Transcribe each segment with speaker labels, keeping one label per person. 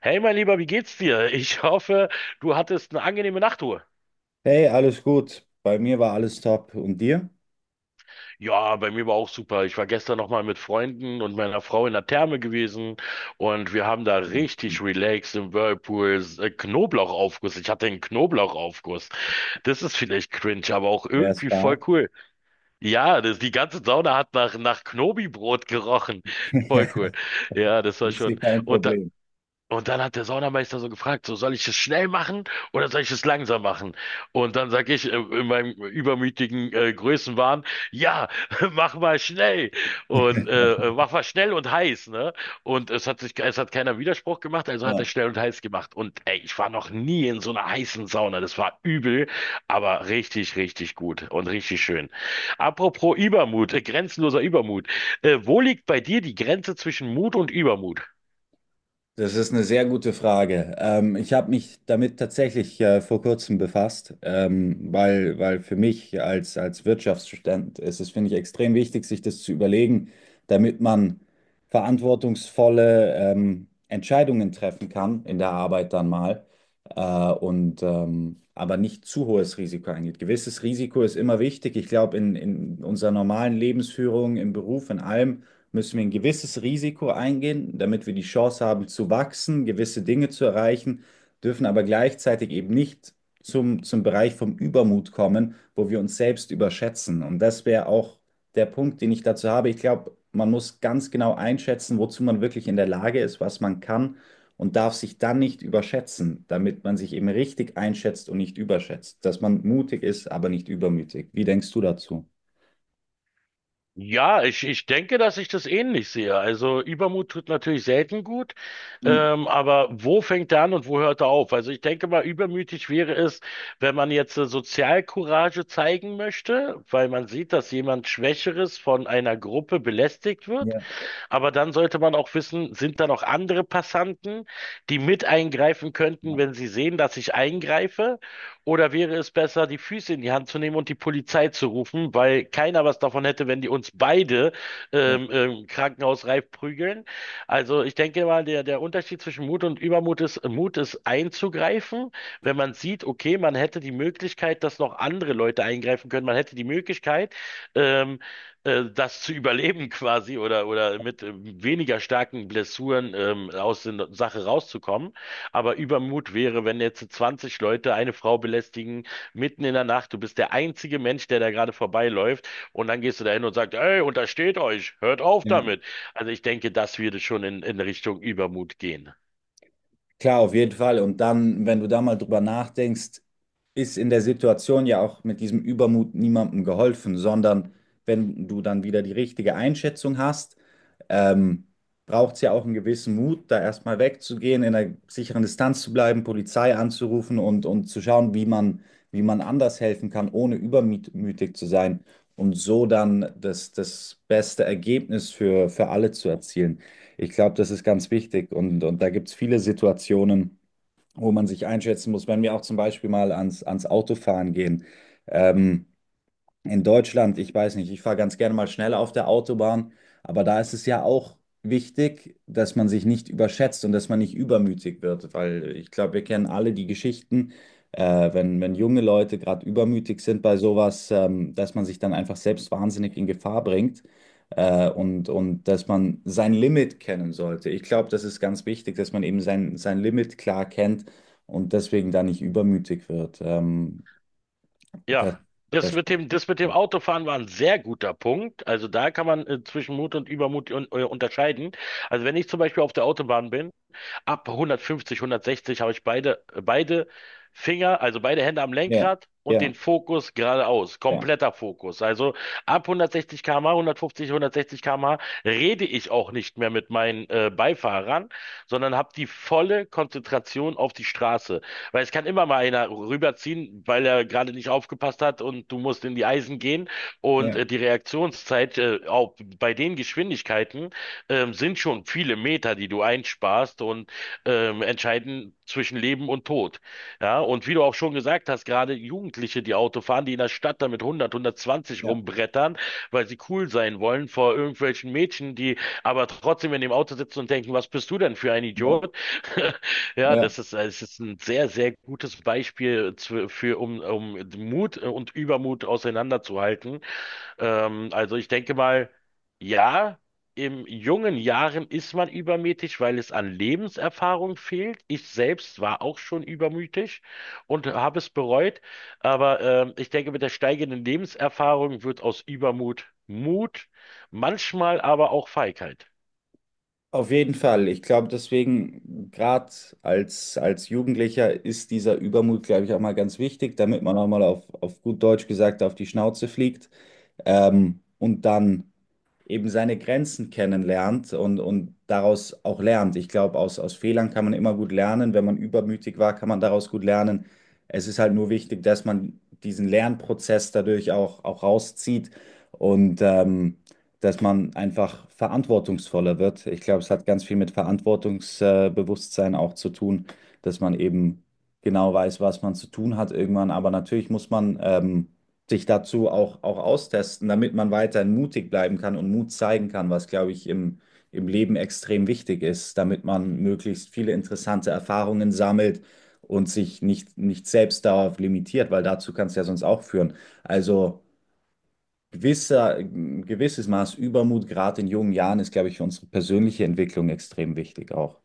Speaker 1: Hey, mein Lieber, wie geht's dir? Ich hoffe, du hattest eine angenehme Nachtruhe.
Speaker 2: Hey, alles gut. Bei mir war alles top. Und dir?
Speaker 1: Ja, bei mir war auch super. Ich war gestern noch mal mit Freunden und meiner Frau in der Therme gewesen und wir haben da richtig relaxed im Whirlpool, Knoblauchaufguss. Ich hatte einen Knoblauchaufguss. Das ist vielleicht cringe, aber auch
Speaker 2: Wer es
Speaker 1: irgendwie voll
Speaker 2: mag,
Speaker 1: cool. Ja, die ganze Sauna hat nach Knobi-Brot gerochen. Voll cool. Ja, das war
Speaker 2: ist
Speaker 1: schon.
Speaker 2: hier kein
Speaker 1: Und da,
Speaker 2: Problem.
Speaker 1: Und dann hat der Saunameister so gefragt, so soll ich es schnell machen oder soll ich es langsam machen? Und dann sage ich in meinem übermütigen Größenwahn, ja, mach mal schnell und heiß, ne? Und es hat keiner Widerspruch gemacht, also hat er schnell und heiß gemacht. Und ey, ich war noch nie in so einer heißen Sauna, das war übel, aber richtig, richtig gut und richtig schön. Apropos Übermut, grenzenloser Übermut, wo liegt bei dir die Grenze zwischen Mut und Übermut?
Speaker 2: Das ist eine sehr gute Frage. Ich habe mich damit tatsächlich vor kurzem befasst, weil für mich als Wirtschaftsstudent ist es, finde ich, extrem wichtig, sich das zu überlegen, damit man verantwortungsvolle Entscheidungen treffen kann in der Arbeit dann mal und aber nicht zu hohes Risiko eingeht. Gewisses Risiko ist immer wichtig. Ich glaube, in unserer normalen Lebensführung, im Beruf, in allem müssen wir ein gewisses Risiko eingehen, damit wir die Chance haben zu wachsen, gewisse Dinge zu erreichen, dürfen aber gleichzeitig eben nicht zum Bereich vom Übermut kommen, wo wir uns selbst überschätzen. Und das wäre auch der Punkt, den ich dazu habe. Ich glaube, man muss ganz genau einschätzen, wozu man wirklich in der Lage ist, was man kann und darf sich dann nicht überschätzen, damit man sich eben richtig einschätzt und nicht überschätzt, dass man mutig ist, aber nicht übermütig. Wie denkst du dazu?
Speaker 1: Ja, ich denke, dass ich das ähnlich sehe. Also Übermut tut natürlich selten gut,
Speaker 2: Mhm.
Speaker 1: aber wo fängt er an und wo hört er auf? Also ich denke mal, übermütig wäre es, wenn man jetzt Sozialcourage zeigen möchte, weil man sieht, dass jemand Schwächeres von einer Gruppe belästigt wird,
Speaker 2: Ja,
Speaker 1: aber dann sollte man auch wissen, sind da noch andere Passanten, die mit eingreifen könnten,
Speaker 2: ja,
Speaker 1: wenn sie sehen, dass ich eingreife? Oder wäre es besser, die Füße in die Hand zu nehmen und die Polizei zu rufen, weil keiner was davon hätte, wenn die uns beide
Speaker 2: ja.
Speaker 1: krankenhausreif prügeln? Also ich denke mal, der Unterschied zwischen Mut und Übermut ist, Mut ist einzugreifen, wenn man sieht, okay, man hätte die Möglichkeit, dass noch andere Leute eingreifen können, man hätte die Möglichkeit, ähm, das zu überleben quasi, oder mit weniger starken Blessuren aus der Sache rauszukommen. Aber Übermut wäre, wenn jetzt 20 Leute eine Frau belästigen, mitten in der Nacht, du bist der einzige Mensch, der da gerade vorbeiläuft, und dann gehst du dahin und sagst, ey, untersteht euch, hört auf
Speaker 2: Ja.
Speaker 1: damit. Also ich denke, das würde schon in Richtung Übermut gehen.
Speaker 2: Klar, auf jeden Fall. Und dann, wenn du da mal drüber nachdenkst, ist in der Situation ja auch mit diesem Übermut niemandem geholfen, sondern wenn du dann wieder die richtige Einschätzung hast, ähm, braucht es ja auch einen gewissen Mut, da erstmal wegzugehen, in einer sicheren Distanz zu bleiben, Polizei anzurufen und zu schauen, wie man anders helfen kann, ohne übermütig zu sein und so dann das beste Ergebnis für alle zu erzielen. Ich glaube, das ist ganz wichtig und da gibt es viele Situationen wo man sich einschätzen muss, wenn wir auch zum Beispiel mal ans Autofahren gehen. Ähm, in Deutschland, ich weiß nicht, ich fahre ganz gerne mal schneller auf der Autobahn, aber da ist es ja auch wichtig, dass man sich nicht überschätzt und dass man nicht übermütig wird, weil ich glaube, wir kennen alle die Geschichten, wenn junge Leute gerade übermütig sind bei sowas, dass man sich dann einfach selbst wahnsinnig in Gefahr bringt, und dass man sein Limit kennen sollte. Ich glaube, das ist ganz wichtig, dass man eben sein, sein Limit klar kennt und deswegen da nicht übermütig wird.
Speaker 1: Ja,
Speaker 2: Das, das
Speaker 1: das mit dem Autofahren war ein sehr guter Punkt. Also da kann man zwischen Mut und Übermut unterscheiden. Also wenn ich zum Beispiel auf der Autobahn bin, ab 150, 160 habe ich beide Finger, also beide Hände am
Speaker 2: Ja,
Speaker 1: Lenkrad und
Speaker 2: ja,
Speaker 1: den Fokus geradeaus.
Speaker 2: ja,
Speaker 1: Kompletter Fokus. Also ab 160 km/h, 150, 160 km/h rede ich auch nicht mehr mit meinen Beifahrern, sondern habe die volle Konzentration auf die Straße. Weil es kann immer mal einer rüberziehen, weil er gerade nicht aufgepasst hat und du musst in die Eisen gehen. Und
Speaker 2: ja,
Speaker 1: die Reaktionszeit auch bei den Geschwindigkeiten sind schon viele Meter, die du einsparst. Und entscheiden zwischen Leben und Tod. Ja, und wie du auch schon gesagt hast, gerade Jugendliche, die Auto fahren, die in der Stadt damit 100, 120
Speaker 2: ja,
Speaker 1: rumbrettern, weil sie cool sein wollen vor irgendwelchen Mädchen, die aber trotzdem in dem Auto sitzen und denken, was bist du denn für ein
Speaker 2: ja,
Speaker 1: Idiot? Ja,
Speaker 2: ja.
Speaker 1: es ist ein sehr, sehr gutes Beispiel um Mut und Übermut auseinanderzuhalten. Also ich denke mal, ja, in jungen Jahren ist man übermütig, weil es an Lebenserfahrung fehlt. Ich selbst war auch schon übermütig und habe es bereut. Aber ich denke, mit der steigenden Lebenserfahrung wird aus Übermut Mut, manchmal aber auch Feigheit.
Speaker 2: Auf jeden Fall. Ich glaube, deswegen, gerade als Jugendlicher, ist dieser Übermut, glaube ich, auch mal ganz wichtig, damit man auch mal auf gut Deutsch gesagt auf die Schnauze fliegt und dann eben seine Grenzen kennenlernt und daraus auch lernt. Ich glaube, aus Fehlern kann man immer gut lernen. Wenn man übermütig war, kann man daraus gut lernen. Es ist halt nur wichtig, dass man diesen Lernprozess dadurch auch rauszieht und dass man einfach verantwortungsvoller wird. Ich glaube, es hat ganz viel mit Verantwortungsbewusstsein auch zu tun, dass man eben genau weiß, was man zu tun hat irgendwann. Aber natürlich muss man sich dazu auch austesten, damit man weiterhin mutig bleiben kann und Mut zeigen kann, was, glaube ich, im Leben extrem wichtig ist, damit man möglichst viele interessante Erfahrungen sammelt und sich nicht selbst darauf limitiert, weil dazu kann es ja sonst auch führen. Also gewisser, ein gewisses Maß Übermut, gerade in jungen Jahren, ist, glaube ich, für unsere persönliche Entwicklung extrem wichtig auch.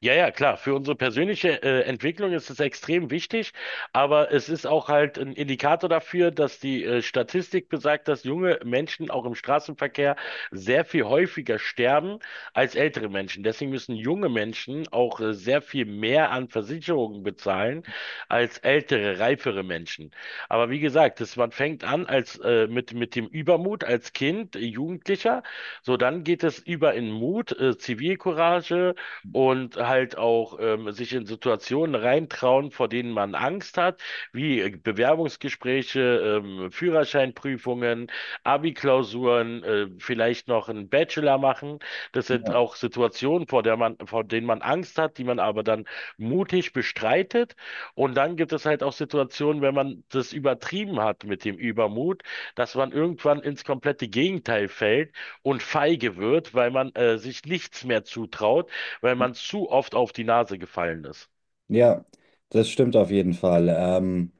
Speaker 1: Ja, ja, klar. Für unsere persönliche Entwicklung ist es extrem wichtig, aber es ist auch halt ein Indikator dafür, dass die Statistik besagt, dass junge Menschen auch im Straßenverkehr sehr viel häufiger sterben als ältere Menschen. Deswegen müssen junge Menschen auch sehr viel mehr an Versicherungen bezahlen als ältere, reifere Menschen. Aber wie gesagt, man fängt an als mit dem Übermut als Kind, Jugendlicher, so dann geht es über in Mut, Zivilcourage und halt auch sich in Situationen reintrauen, vor denen man Angst hat, wie Bewerbungsgespräche, Führerscheinprüfungen, Abi-Klausuren, vielleicht noch einen Bachelor machen. Das sind
Speaker 2: Ja,
Speaker 1: auch Situationen, vor der man, vor denen man Angst hat, die man aber dann mutig bestreitet. Und dann gibt es halt auch Situationen, wenn man das übertrieben hat mit dem Übermut, dass man irgendwann ins komplette Gegenteil fällt und feige wird, weil man sich nichts mehr zutraut, weil man zu oft auf die Nase gefallen ist.
Speaker 2: ja, das stimmt auf jeden Fall.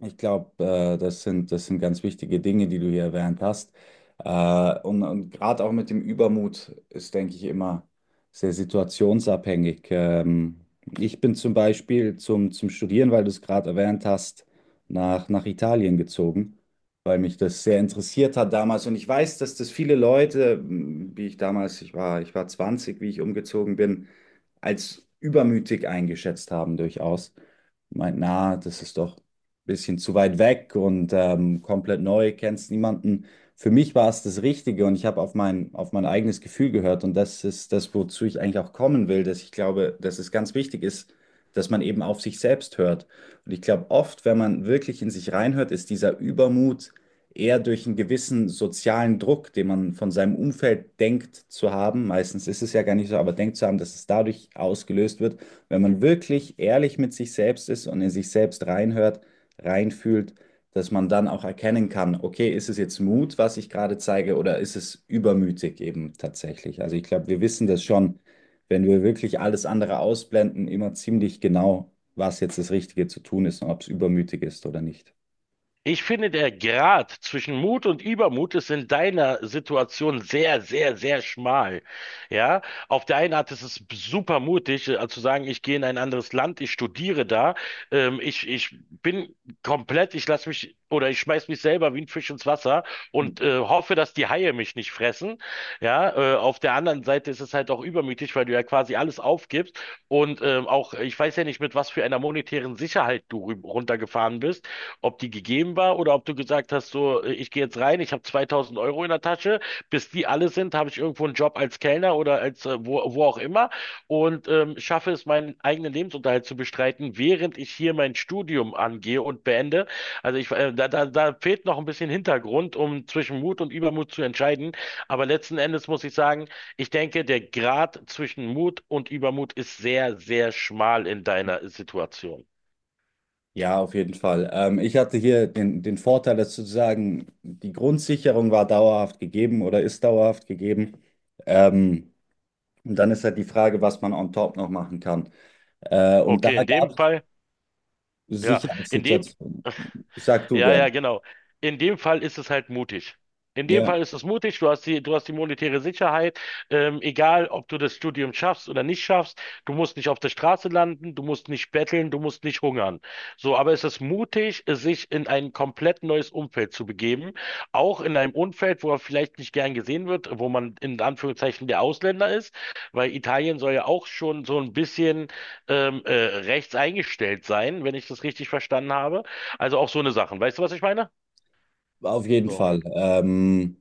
Speaker 2: Ich glaube, das sind ganz wichtige Dinge, die du hier erwähnt hast. Und gerade auch mit dem Übermut ist, denke ich, immer sehr situationsabhängig. Ich bin zum Beispiel zum Studieren, weil du es gerade erwähnt hast, nach Italien gezogen, weil mich das sehr interessiert hat damals. Und ich weiß, dass das viele Leute, wie ich damals, ich war 20, wie ich umgezogen bin, als übermütig eingeschätzt haben durchaus meint, na, das ist doch bisschen zu weit weg und komplett neu, kennst niemanden. Für mich war es das Richtige und ich habe auf mein eigenes Gefühl gehört und das ist das, wozu ich eigentlich auch kommen will, dass ich glaube, dass es ganz wichtig ist, dass man eben auf sich selbst hört. Und ich glaube, oft, wenn man wirklich in sich reinhört, ist dieser Übermut eher durch einen gewissen sozialen Druck, den man von seinem Umfeld denkt zu haben. Meistens ist es ja gar nicht so, aber denkt zu haben, dass es dadurch ausgelöst wird. Wenn man wirklich ehrlich mit sich selbst ist und in sich selbst reinhört, reinfühlt, dass man dann auch erkennen kann, okay, ist es jetzt Mut, was ich gerade zeige, oder ist es übermütig eben tatsächlich? Also ich glaube, wir wissen das schon, wenn wir wirklich alles andere ausblenden, immer ziemlich genau, was jetzt das Richtige zu tun ist und ob es übermütig ist oder nicht.
Speaker 1: Ich finde, der Grat zwischen Mut und Übermut ist in deiner Situation sehr, sehr, sehr schmal. Ja, auf der einen Art ist es super mutig, zu sagen, ich gehe in ein anderes Land, ich studiere da, ich bin komplett, ich lasse mich oder ich schmeiß mich selber wie ein Fisch ins Wasser und hoffe, dass die Haie mich nicht fressen. Ja, auf der anderen Seite ist es halt auch übermütig, weil du ja quasi alles aufgibst und auch, ich weiß ja nicht, mit was für einer monetären Sicherheit du runtergefahren bist, ob die gegeben war oder ob du gesagt hast, so, ich gehe jetzt rein, ich habe 2000 Euro in der Tasche, bis die alle sind, habe ich irgendwo einen Job als Kellner oder als wo auch immer und schaffe es, meinen eigenen Lebensunterhalt zu bestreiten, während ich hier mein Studium angehe und beende. Also da fehlt noch ein bisschen Hintergrund, um zwischen Mut und Übermut zu entscheiden. Aber letzten Endes muss ich sagen, ich denke, der Grad zwischen Mut und Übermut ist sehr, sehr schmal in deiner Situation.
Speaker 2: Ja, auf jeden Fall. Ich hatte hier den Vorteil, dass sozusagen die Grundsicherung war dauerhaft gegeben oder ist dauerhaft gegeben. Ähm, und dann ist halt die Frage, was man on top noch machen kann. Und da
Speaker 1: Okay, in dem
Speaker 2: gab
Speaker 1: Fall, ja, in dem
Speaker 2: Sicherheitssituation. Sag du
Speaker 1: ja,
Speaker 2: gern.
Speaker 1: ja, genau. In dem Fall ist es halt mutig. In dem
Speaker 2: Ja,
Speaker 1: Fall ist es mutig, du hast die monetäre Sicherheit, egal ob du das Studium schaffst oder nicht schaffst, du musst nicht auf der Straße landen, du musst nicht betteln, du musst nicht hungern. So, aber es ist mutig, sich in ein komplett neues Umfeld zu begeben, auch in einem Umfeld, wo er vielleicht nicht gern gesehen wird, wo man in Anführungszeichen der Ausländer ist, weil Italien soll ja auch schon so ein bisschen rechts eingestellt sein, wenn ich das richtig verstanden habe. Also auch so eine Sachen. Weißt du, was ich meine?
Speaker 2: auf jeden
Speaker 1: So,
Speaker 2: Fall.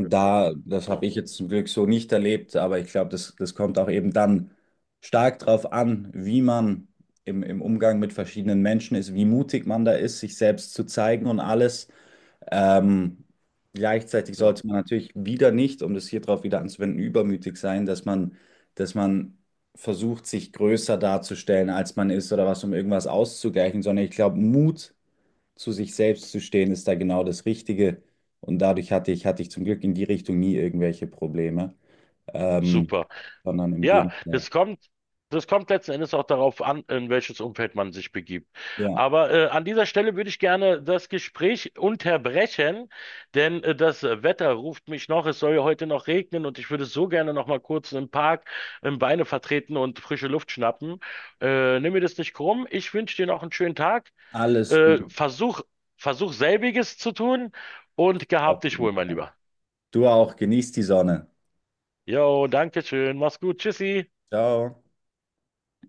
Speaker 1: genau.
Speaker 2: Das habe
Speaker 1: So,
Speaker 2: ich jetzt zum Glück so nicht erlebt, aber ich glaube, das kommt auch eben dann stark darauf an, wie man im Umgang mit verschiedenen Menschen ist, wie mutig man da ist, sich selbst zu zeigen und alles. Ähm, Gleichzeitig
Speaker 1: ja.
Speaker 2: sollte man natürlich wieder nicht, um das hier drauf wieder anzuwenden, übermütig sein, dass man versucht, sich größer darzustellen, als man ist oder was, um irgendwas auszugleichen, sondern ich glaube, Mut zu sich selbst zu stehen, ist da genau das Richtige. Und dadurch hatte ich zum Glück in die Richtung nie irgendwelche Probleme, ähm,
Speaker 1: Super.
Speaker 2: sondern im
Speaker 1: Ja,
Speaker 2: Gegenteil.
Speaker 1: das kommt letzten Endes auch darauf an, in welches Umfeld man sich begibt.
Speaker 2: Ja,
Speaker 1: Aber an dieser Stelle würde ich gerne das Gespräch unterbrechen, denn das Wetter ruft mich noch. Es soll ja heute noch regnen und ich würde so gerne noch mal kurz im Park im Beine vertreten und frische Luft schnappen. Nimm mir das nicht krumm. Ich wünsche dir noch einen schönen Tag.
Speaker 2: alles
Speaker 1: Äh,
Speaker 2: gut
Speaker 1: versuch, Versuch selbiges zu tun und gehab
Speaker 2: auf
Speaker 1: dich
Speaker 2: jeden
Speaker 1: wohl, mein
Speaker 2: Fall.
Speaker 1: Lieber.
Speaker 2: Du auch, genieß die Sonne.
Speaker 1: Jo, danke schön. Mach's gut. Tschüssi.
Speaker 2: Ciao.